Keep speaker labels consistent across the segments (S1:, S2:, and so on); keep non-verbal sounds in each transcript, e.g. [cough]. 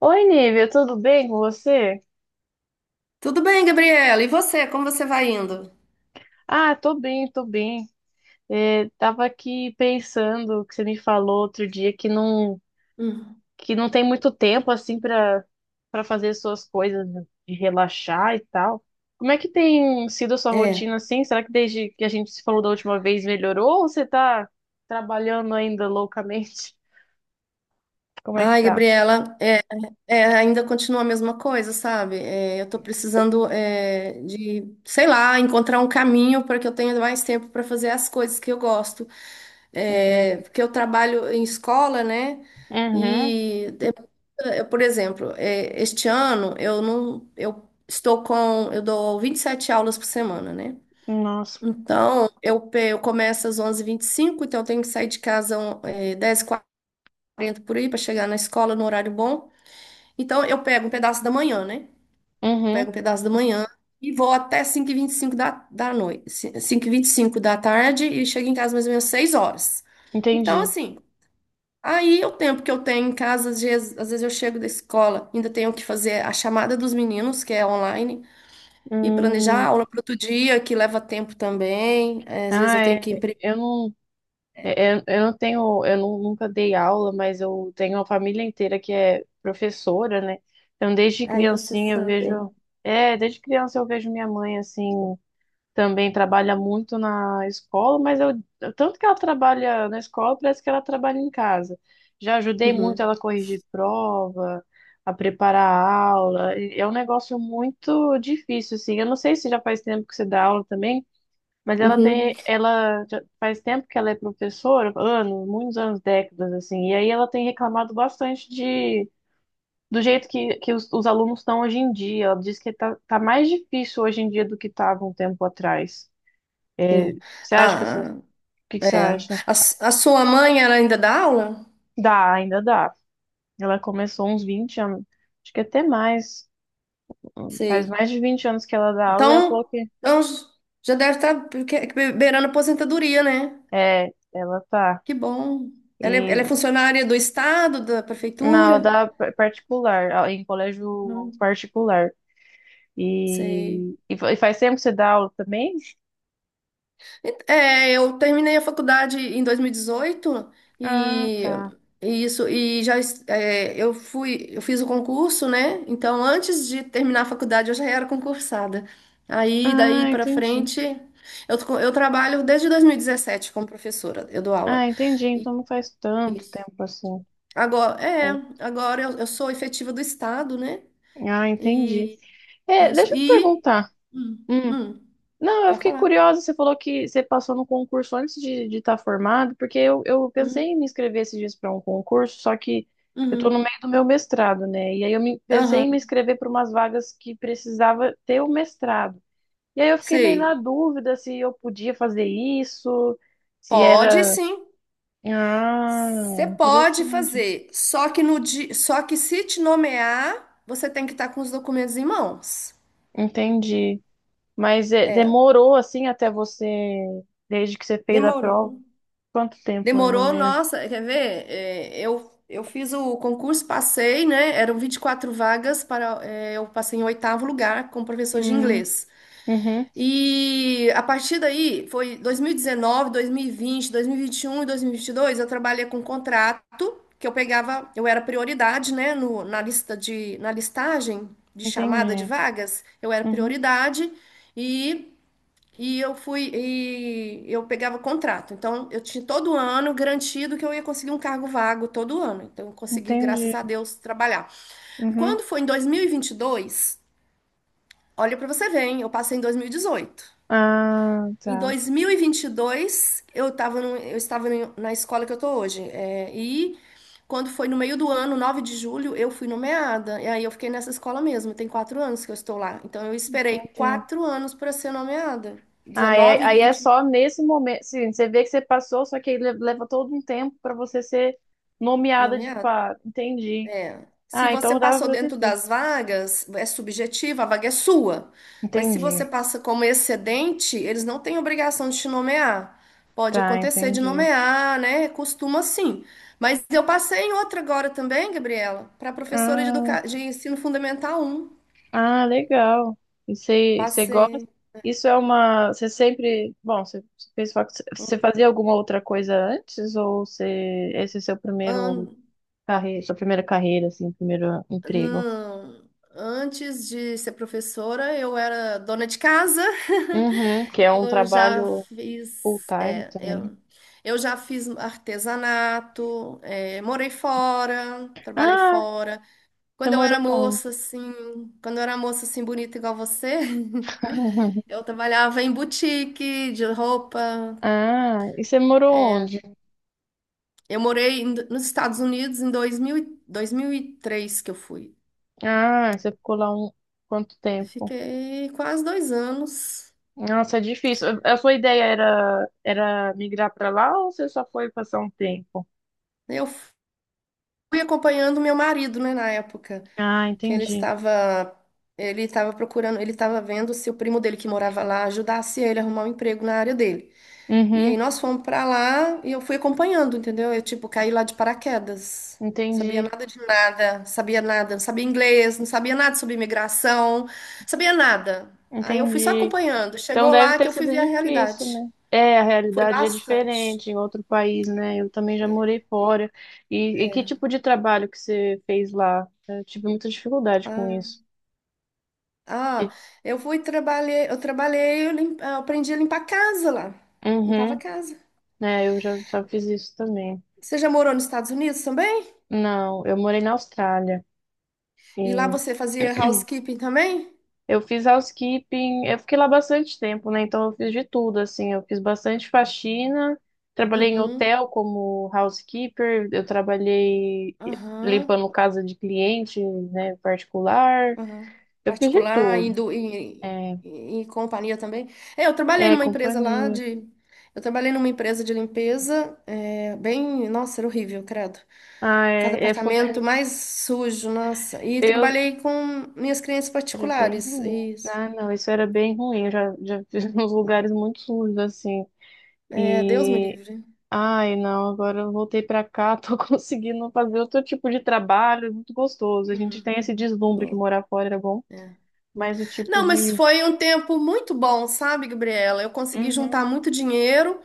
S1: Oi, Nívia, tudo bem com você?
S2: Tudo bem, Gabriela? E você? Como você vai indo?
S1: Ah, tô bem, tô bem. É, tava aqui pensando que você me falou outro dia que não
S2: Hum.
S1: que não tem muito tempo assim para fazer suas coisas de relaxar e tal. Como é que tem sido a sua
S2: É.
S1: rotina assim? Será que desde que a gente se falou da última vez melhorou ou você tá trabalhando ainda loucamente? [laughs] Como é que
S2: Ai,
S1: tá?
S2: Gabriela, ainda continua a mesma coisa, sabe? Eu tô precisando, de, sei lá, encontrar um caminho para que eu tenha mais tempo para fazer as coisas que eu gosto. Porque eu trabalho em escola, né?
S1: Uhum,
S2: E, eu, por exemplo, este ano eu não, eu estou com, eu dou 27 aulas por semana, né?
S1: nossa.
S2: Então, eu começo às 11:25, então eu tenho que sair de casa um, 10h40 por aí para chegar na escola no horário bom. Então, eu pego um pedaço da manhã, né?
S1: Uhum,
S2: Pego um pedaço da manhã e vou até 5:25 da noite. 5:25 da tarde e chego em casa mais ou menos 6 horas. Então,
S1: entendi.
S2: assim, aí o tempo que eu tenho em casa, às vezes eu chego da escola, ainda tenho que fazer a chamada dos meninos, que é online, e planejar a
S1: Hum.
S2: aula para outro dia, que leva tempo também. Às vezes eu
S1: ah, é,
S2: tenho que...
S1: eu não É, Eu, eu não tenho, nunca dei aula, mas eu tenho uma família inteira que é professora, né? Então, desde
S2: Aí você
S1: criancinha eu
S2: sabe.
S1: desde criança eu vejo minha mãe, assim, também trabalha muito na escola, tanto que ela trabalha na escola, parece que ela trabalha em casa. Já ajudei muito ela
S2: Uhum.
S1: a corrigir prova, a preparar a aula. É um negócio muito difícil, assim. Eu não sei se já faz tempo que você dá aula também, mas
S2: Uhum.
S1: ela já faz tempo que ela é professora, anos, muitos anos, décadas, assim, e aí ela tem reclamado bastante de, do jeito que os alunos estão hoje em dia. Ela diz que tá mais difícil hoje em dia do que estava um tempo atrás. É.
S2: Sim.
S1: Você acha que o
S2: Ah,
S1: que que você
S2: é.
S1: acha?
S2: A sua mãe, ela ainda dá aula?
S1: Dá, ainda dá. Ela começou uns 20 anos, acho que até mais, faz
S2: Sei.
S1: mais de 20 anos que ela dá aula e ela falou
S2: Então,
S1: que
S2: então já deve estar beirando a aposentadoria, né?
S1: é, ela tá.
S2: Que bom. Ela é,
S1: E
S2: ela é funcionária do estado, da
S1: mas ela
S2: prefeitura?
S1: dá particular, em colégio
S2: Não
S1: particular.
S2: sei.
S1: E faz tempo que você dá aula também?
S2: É, eu terminei a faculdade em 2018
S1: Ah,
S2: e
S1: tá.
S2: e isso e eu fui eu fiz o concurso, né? Então antes de terminar a faculdade eu já era concursada. Aí daí
S1: Ah,
S2: para
S1: entendi.
S2: frente eu trabalho desde 2017 como professora, eu dou aula.
S1: Ah, entendi.
S2: E-.
S1: Então não faz tanto
S2: Isso.
S1: tempo assim.
S2: Agora é,
S1: Faz-
S2: agora eu sou efetiva do estado, né?
S1: Ah, entendi.
S2: E
S1: É,
S2: isso
S1: deixa eu te
S2: e
S1: perguntar.
S2: hum,
S1: Hum.
S2: hum,
S1: Não, eu
S2: para
S1: fiquei
S2: falar.
S1: curiosa. Você falou que você passou no concurso antes de estar formado, porque eu pensei
S2: Uhum,
S1: em me inscrever esses dias para um concurso, só que eu tô no
S2: uhum,
S1: meio do meu mestrado, né? E aí pensei em me
S2: aham,
S1: inscrever para umas vagas que precisava ter o mestrado. E aí eu fiquei meio na
S2: sei.
S1: dúvida se eu podia fazer isso, se
S2: Pode
S1: era.
S2: sim.
S1: Ah,
S2: Você pode
S1: interessante.
S2: fazer, só que no di... só que se te nomear, você tem que estar com os documentos em mãos.
S1: Entendi. Mas é, demorou assim até você, desde que você fez a
S2: Demorou.
S1: prova? Quanto tempo, mais ou
S2: Demorou,
S1: menos?
S2: nossa, quer ver? Eu fiz o concurso, passei, né? Eram 24 vagas para, eu passei em oitavo lugar como professor de
S1: Hum,
S2: inglês.
S1: uhum,
S2: E a partir daí, foi 2019, 2020, 2021 e 2022, eu trabalhei com contrato, que eu pegava, eu era prioridade, né, na lista de, na listagem de chamada de
S1: entendi.
S2: vagas, eu era
S1: Uhum,
S2: prioridade e, e eu fui, e eu pegava contrato. Então, eu tinha todo ano garantido que eu ia conseguir um cargo vago todo ano. Então, eu consegui,
S1: entendi.
S2: graças a Deus, trabalhar. E
S1: Uhum.
S2: quando foi em 2022, olha para você ver, hein, eu passei em 2018.
S1: Ah,
S2: Em
S1: tá.
S2: 2022, eu estava na escola que eu tô hoje. É, e quando foi no meio do ano, 9 de julho, eu fui nomeada. E aí eu fiquei nessa escola mesmo. Tem 4 anos que eu estou lá. Então eu esperei
S1: Entendi.
S2: 4 anos para ser nomeada.
S1: Ah, é,
S2: 19,
S1: aí é
S2: 20,
S1: só nesse momento. Sim, você vê que você passou, só que aí leva todo um tempo para você ser nomeada de
S2: nomeada.
S1: par. Entendi.
S2: Se
S1: Ah,
S2: você
S1: então dava
S2: passou
S1: pra ter.
S2: dentro das vagas, é subjetiva, a vaga é sua. Mas se você
S1: Entendi.
S2: passa como excedente, eles não têm obrigação de te nomear. Pode
S1: Tá,
S2: acontecer de
S1: entendi.
S2: nomear, né? Costuma sim. Mas eu passei em outra agora também, Gabriela, para professora de,
S1: Ah,
S2: educa... de ensino fundamental um.
S1: ah, legal. E você gosta?
S2: Passei.
S1: Isso é uma. Você sempre. Bom, você fazia alguma outra coisa antes? Ou você, esse é
S2: Hum.
S1: sua primeira carreira, assim, primeiro emprego?
S2: Não, antes de ser professora, eu era dona de casa.
S1: Uhum,
S2: [laughs]
S1: que é um
S2: Eu já
S1: trabalho
S2: fiz,
S1: full-time
S2: é,
S1: também.
S2: eu, eu já fiz artesanato, morei fora, trabalhei
S1: Ah,
S2: fora.
S1: você
S2: Quando eu era
S1: morou onde?
S2: moça, assim, quando eu era moça, assim, bonita igual você, [laughs]
S1: [laughs]
S2: eu trabalhava em boutique de roupa.
S1: Ah, e você morou onde?
S2: Nos Estados Unidos em 2003 que eu fui.
S1: Ah, você ficou lá quanto tempo?
S2: Fiquei quase 2 anos.
S1: Nossa, é difícil. A sua era migrar para lá ou você só foi passar um tempo?
S2: Eu fui acompanhando meu marido, né, na época,
S1: Ah,
S2: que ele
S1: entendi.
S2: estava ele estava procurando, ele estava vendo se o primo dele que morava lá ajudasse ele a arrumar um emprego na área dele. E aí
S1: Uhum,
S2: nós fomos pra lá e eu fui acompanhando, entendeu? Eu tipo caí lá de paraquedas. Sabia
S1: entendi,
S2: nada de nada, sabia nada, não sabia inglês, não sabia nada sobre imigração, sabia nada. Aí eu fui só
S1: entendi.
S2: acompanhando.
S1: Então
S2: Chegou
S1: deve
S2: lá que
S1: ter
S2: eu fui
S1: sido
S2: ver a
S1: difícil,
S2: realidade.
S1: né? É, a
S2: Foi
S1: realidade é
S2: bastante.
S1: diferente em outro país, né? Eu também já morei fora. E que tipo de trabalho que você fez lá? Eu tive muita dificuldade com
S2: Ah.
S1: isso. E-
S2: Ah, eu fui trabalhar, eu trabalhei, eu, eu aprendi a limpar a casa lá. Limpava a
S1: Uhum,
S2: casa.
S1: né? Eu já fiz isso também.
S2: Você já morou nos Estados Unidos também?
S1: Não, eu morei na Austrália.
S2: E lá você fazia housekeeping também?
S1: Eu fiz housekeeping, eu fiquei lá bastante tempo, né? Então eu fiz de tudo, assim, eu fiz bastante faxina, trabalhei em
S2: Uhum,
S1: hotel como housekeeper, eu trabalhei
S2: aham,
S1: limpando casa de cliente, né, particular,
S2: aham.
S1: eu fiz de
S2: Particular,
S1: tudo.
S2: indo,
S1: É,
S2: e companhia também. É, eu trabalhei
S1: é
S2: numa empresa lá
S1: companhia.
S2: de. Eu trabalhei numa empresa de limpeza, é, bem. Nossa, era horrível, credo.
S1: Ah,
S2: Cada apartamento mais sujo, nossa. E
S1: eu
S2: trabalhei com minhas clientes
S1: era bem
S2: particulares,
S1: ruim.
S2: isso.
S1: Ah, não, isso era bem ruim. Eu já fiz [laughs] uns lugares muito sujos, assim.
S2: É, Deus me
S1: e
S2: livre.
S1: Ai, não, agora eu voltei pra cá, tô [laughs] conseguindo fazer outro tipo de trabalho, é muito gostoso. A gente tem esse deslumbre que
S2: Não.
S1: morar fora era bom,
S2: É.
S1: mas o tipo
S2: Não, mas
S1: de.
S2: foi um tempo muito bom, sabe, Gabriela? Eu consegui
S1: Uhum.
S2: juntar muito dinheiro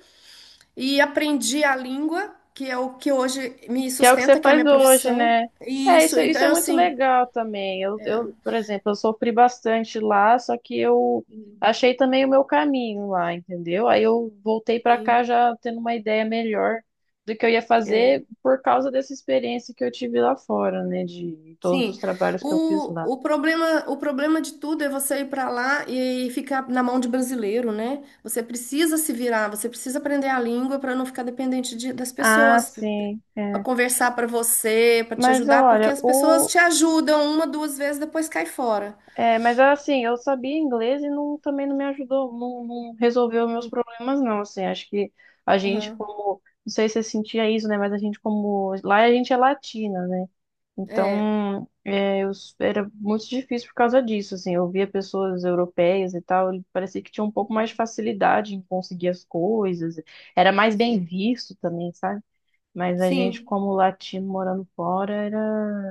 S2: e aprendi a língua, que é o que hoje me
S1: Que é o que você
S2: sustenta, que é a
S1: faz
S2: minha
S1: hoje,
S2: profissão.
S1: né?
S2: E
S1: É,
S2: isso,
S1: isso é
S2: então,
S1: muito
S2: assim,
S1: legal também. Eu,
S2: é.
S1: eu, por exemplo, eu sofri bastante lá, só que eu achei também o meu caminho lá, entendeu? Aí eu voltei pra cá
S2: Sim.
S1: já tendo uma ideia melhor do que eu ia
S2: É.
S1: fazer por causa dessa experiência que eu tive lá fora, né? De todos os
S2: Sim,
S1: trabalhos que eu fiz lá.
S2: o problema de tudo é você ir para lá e ficar na mão de brasileiro, né? Você precisa se virar, você precisa aprender a língua para não ficar dependente das
S1: Ah,
S2: pessoas,
S1: sim,
S2: para
S1: é.
S2: conversar para você, para te
S1: Mas
S2: ajudar, porque
S1: olha,
S2: as pessoas
S1: o.
S2: te ajudam uma, duas vezes, depois cai fora.
S1: É, mas assim, eu sabia inglês e não, também não me ajudou, não, não resolveu meus
S2: Hum.
S1: problemas, não. Assim, acho que a gente,
S2: Aham.
S1: como. Não sei se você sentia isso, né? Mas a gente, como. Lá a gente é latina, né?
S2: É.
S1: Então, era muito difícil por causa disso, assim. Eu via pessoas europeias e tal, e parecia que tinha um pouco mais de
S2: Uhum.
S1: facilidade em conseguir as coisas. Era mais bem
S2: Sim.
S1: visto também, sabe? Mas a gente,
S2: Sim.
S1: como latino morando fora, era.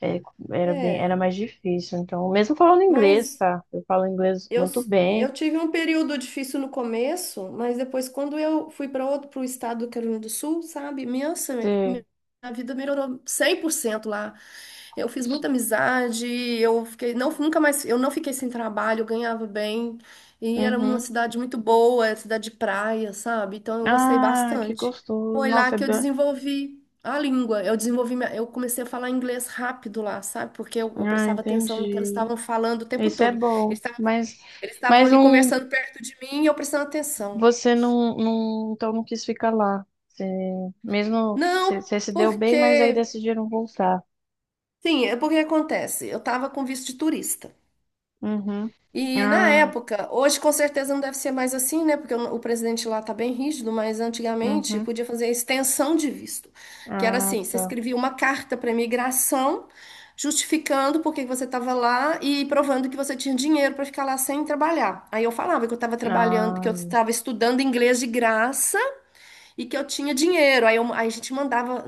S1: É, era
S2: É.
S1: mais difícil. Então, mesmo falando inglês,
S2: Mas.
S1: tá? Eu falo inglês muito bem.
S2: Eu tive um período difícil no começo, mas depois, quando eu fui para outro, para o estado do Carolina do Sul, sabe? Minha,
S1: Sei.
S2: minha vida melhorou 100% lá. Eu fiz muita amizade, eu fiquei, não, nunca mais, eu não fiquei sem trabalho, eu ganhava bem, e era uma
S1: Uhum.
S2: cidade muito boa, era cidade de praia, sabe? Então eu gostei
S1: Ah, que
S2: bastante.
S1: gostoso.
S2: Foi lá
S1: Nossa, é
S2: que eu
S1: bem.
S2: desenvolvi a língua, eu desenvolvi, eu comecei a falar inglês rápido lá, sabe? Porque eu
S1: Ah,
S2: prestava atenção no que eles
S1: entendi.
S2: estavam falando o tempo
S1: Isso é
S2: todo.
S1: bom.
S2: Eles
S1: Mas,
S2: eles estavam
S1: mas
S2: ali
S1: não,
S2: conversando perto de mim e eu prestando atenção.
S1: você não, não, então não quis ficar lá. Você, mesmo que você,
S2: Não,
S1: você se deu bem, mas aí
S2: porque.
S1: decidiram voltar.
S2: Sim, é porque acontece. Eu tava com visto de turista.
S1: Uhum.
S2: E na
S1: Ah,
S2: época, hoje com certeza não deve ser mais assim, né? Porque o presidente lá tá bem rígido, mas antigamente
S1: uhum.
S2: podia fazer a extensão de visto, que era
S1: Ah,
S2: assim: você
S1: tá.
S2: escrevia uma carta para imigração justificando por que que você estava lá e provando que você tinha dinheiro para ficar lá sem trabalhar. Aí eu falava que eu estava trabalhando, que eu
S1: Ah,
S2: estava estudando inglês de graça. E que eu tinha dinheiro. Aí, aí a gente mandava,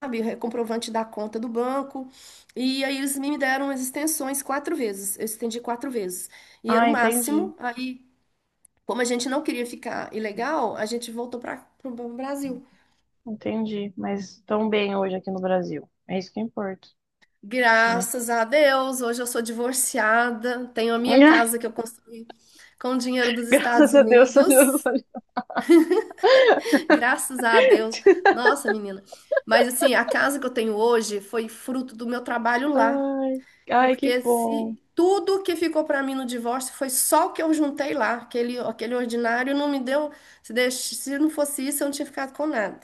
S2: sabe, comprovante da conta do banco. E aí eles me deram as extensões quatro vezes. Eu estendi quatro vezes. E era
S1: ah,
S2: o
S1: entendi.
S2: máximo. Aí, como a gente não queria ficar ilegal, a gente voltou para o Brasil.
S1: Entendi. Mas tão bem hoje aqui no Brasil. É isso que importa, né?
S2: Graças a Deus, hoje eu sou divorciada, tenho a minha casa que eu
S1: [laughs]
S2: construí com o dinheiro dos Estados
S1: Graças a Deus, São
S2: Unidos.
S1: José.
S2: [laughs] Graças a Deus. Nossa, menina. Mas assim, a casa que eu tenho hoje foi fruto do meu trabalho lá.
S1: Ai, ai, que
S2: Porque
S1: bom.
S2: se tudo que ficou para mim no divórcio foi só o que eu juntei lá, aquele ordinário não me deu, se, se não fosse isso, eu não tinha ficado com nada.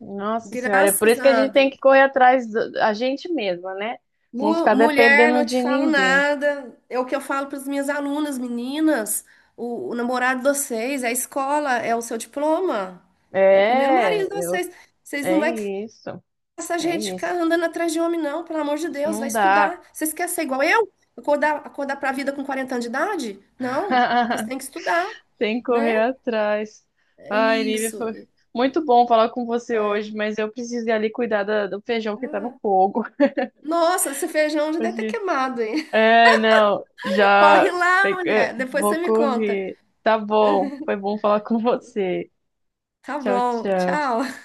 S1: Nossa Senhora, é por
S2: Graças
S1: isso que a
S2: a
S1: gente tem
S2: Deus.
S1: que correr atrás da a gente mesma, né? Não ficar
S2: Mulher,
S1: dependendo
S2: não te
S1: de
S2: falo
S1: ninguém.
S2: nada. É o que eu falo para as minhas alunas, meninas. O namorado de vocês, a escola é o seu diploma, é o primeiro
S1: É,
S2: marido de
S1: eu,
S2: vocês. Vocês não
S1: é
S2: vai
S1: isso,
S2: essa
S1: é
S2: gente ficar
S1: isso.
S2: andando atrás de um homem, não, pelo amor de Deus, vai
S1: Não dá.
S2: estudar. Vocês querem ser igual eu? Acordar, acordar para a vida com 40 anos de idade? Não, vocês
S1: [laughs]
S2: têm que estudar,
S1: Tem que
S2: né?
S1: correr atrás.
S2: É
S1: Ai, Nívia,
S2: isso.
S1: foi muito bom falar com você hoje,
S2: É.
S1: mas eu preciso ir ali cuidar do feijão que tá no
S2: Ah,
S1: fogo.
S2: nossa, esse feijão já deve ter
S1: [laughs]
S2: queimado, hein?
S1: É, não,
S2: [laughs] Corre
S1: já
S2: lá,
S1: pega.
S2: mulher, depois você
S1: Vou
S2: me conta.
S1: correr. Tá bom, foi bom falar [laughs] com você.
S2: Tá
S1: Tchau,
S2: bom,
S1: tchau.
S2: tchau.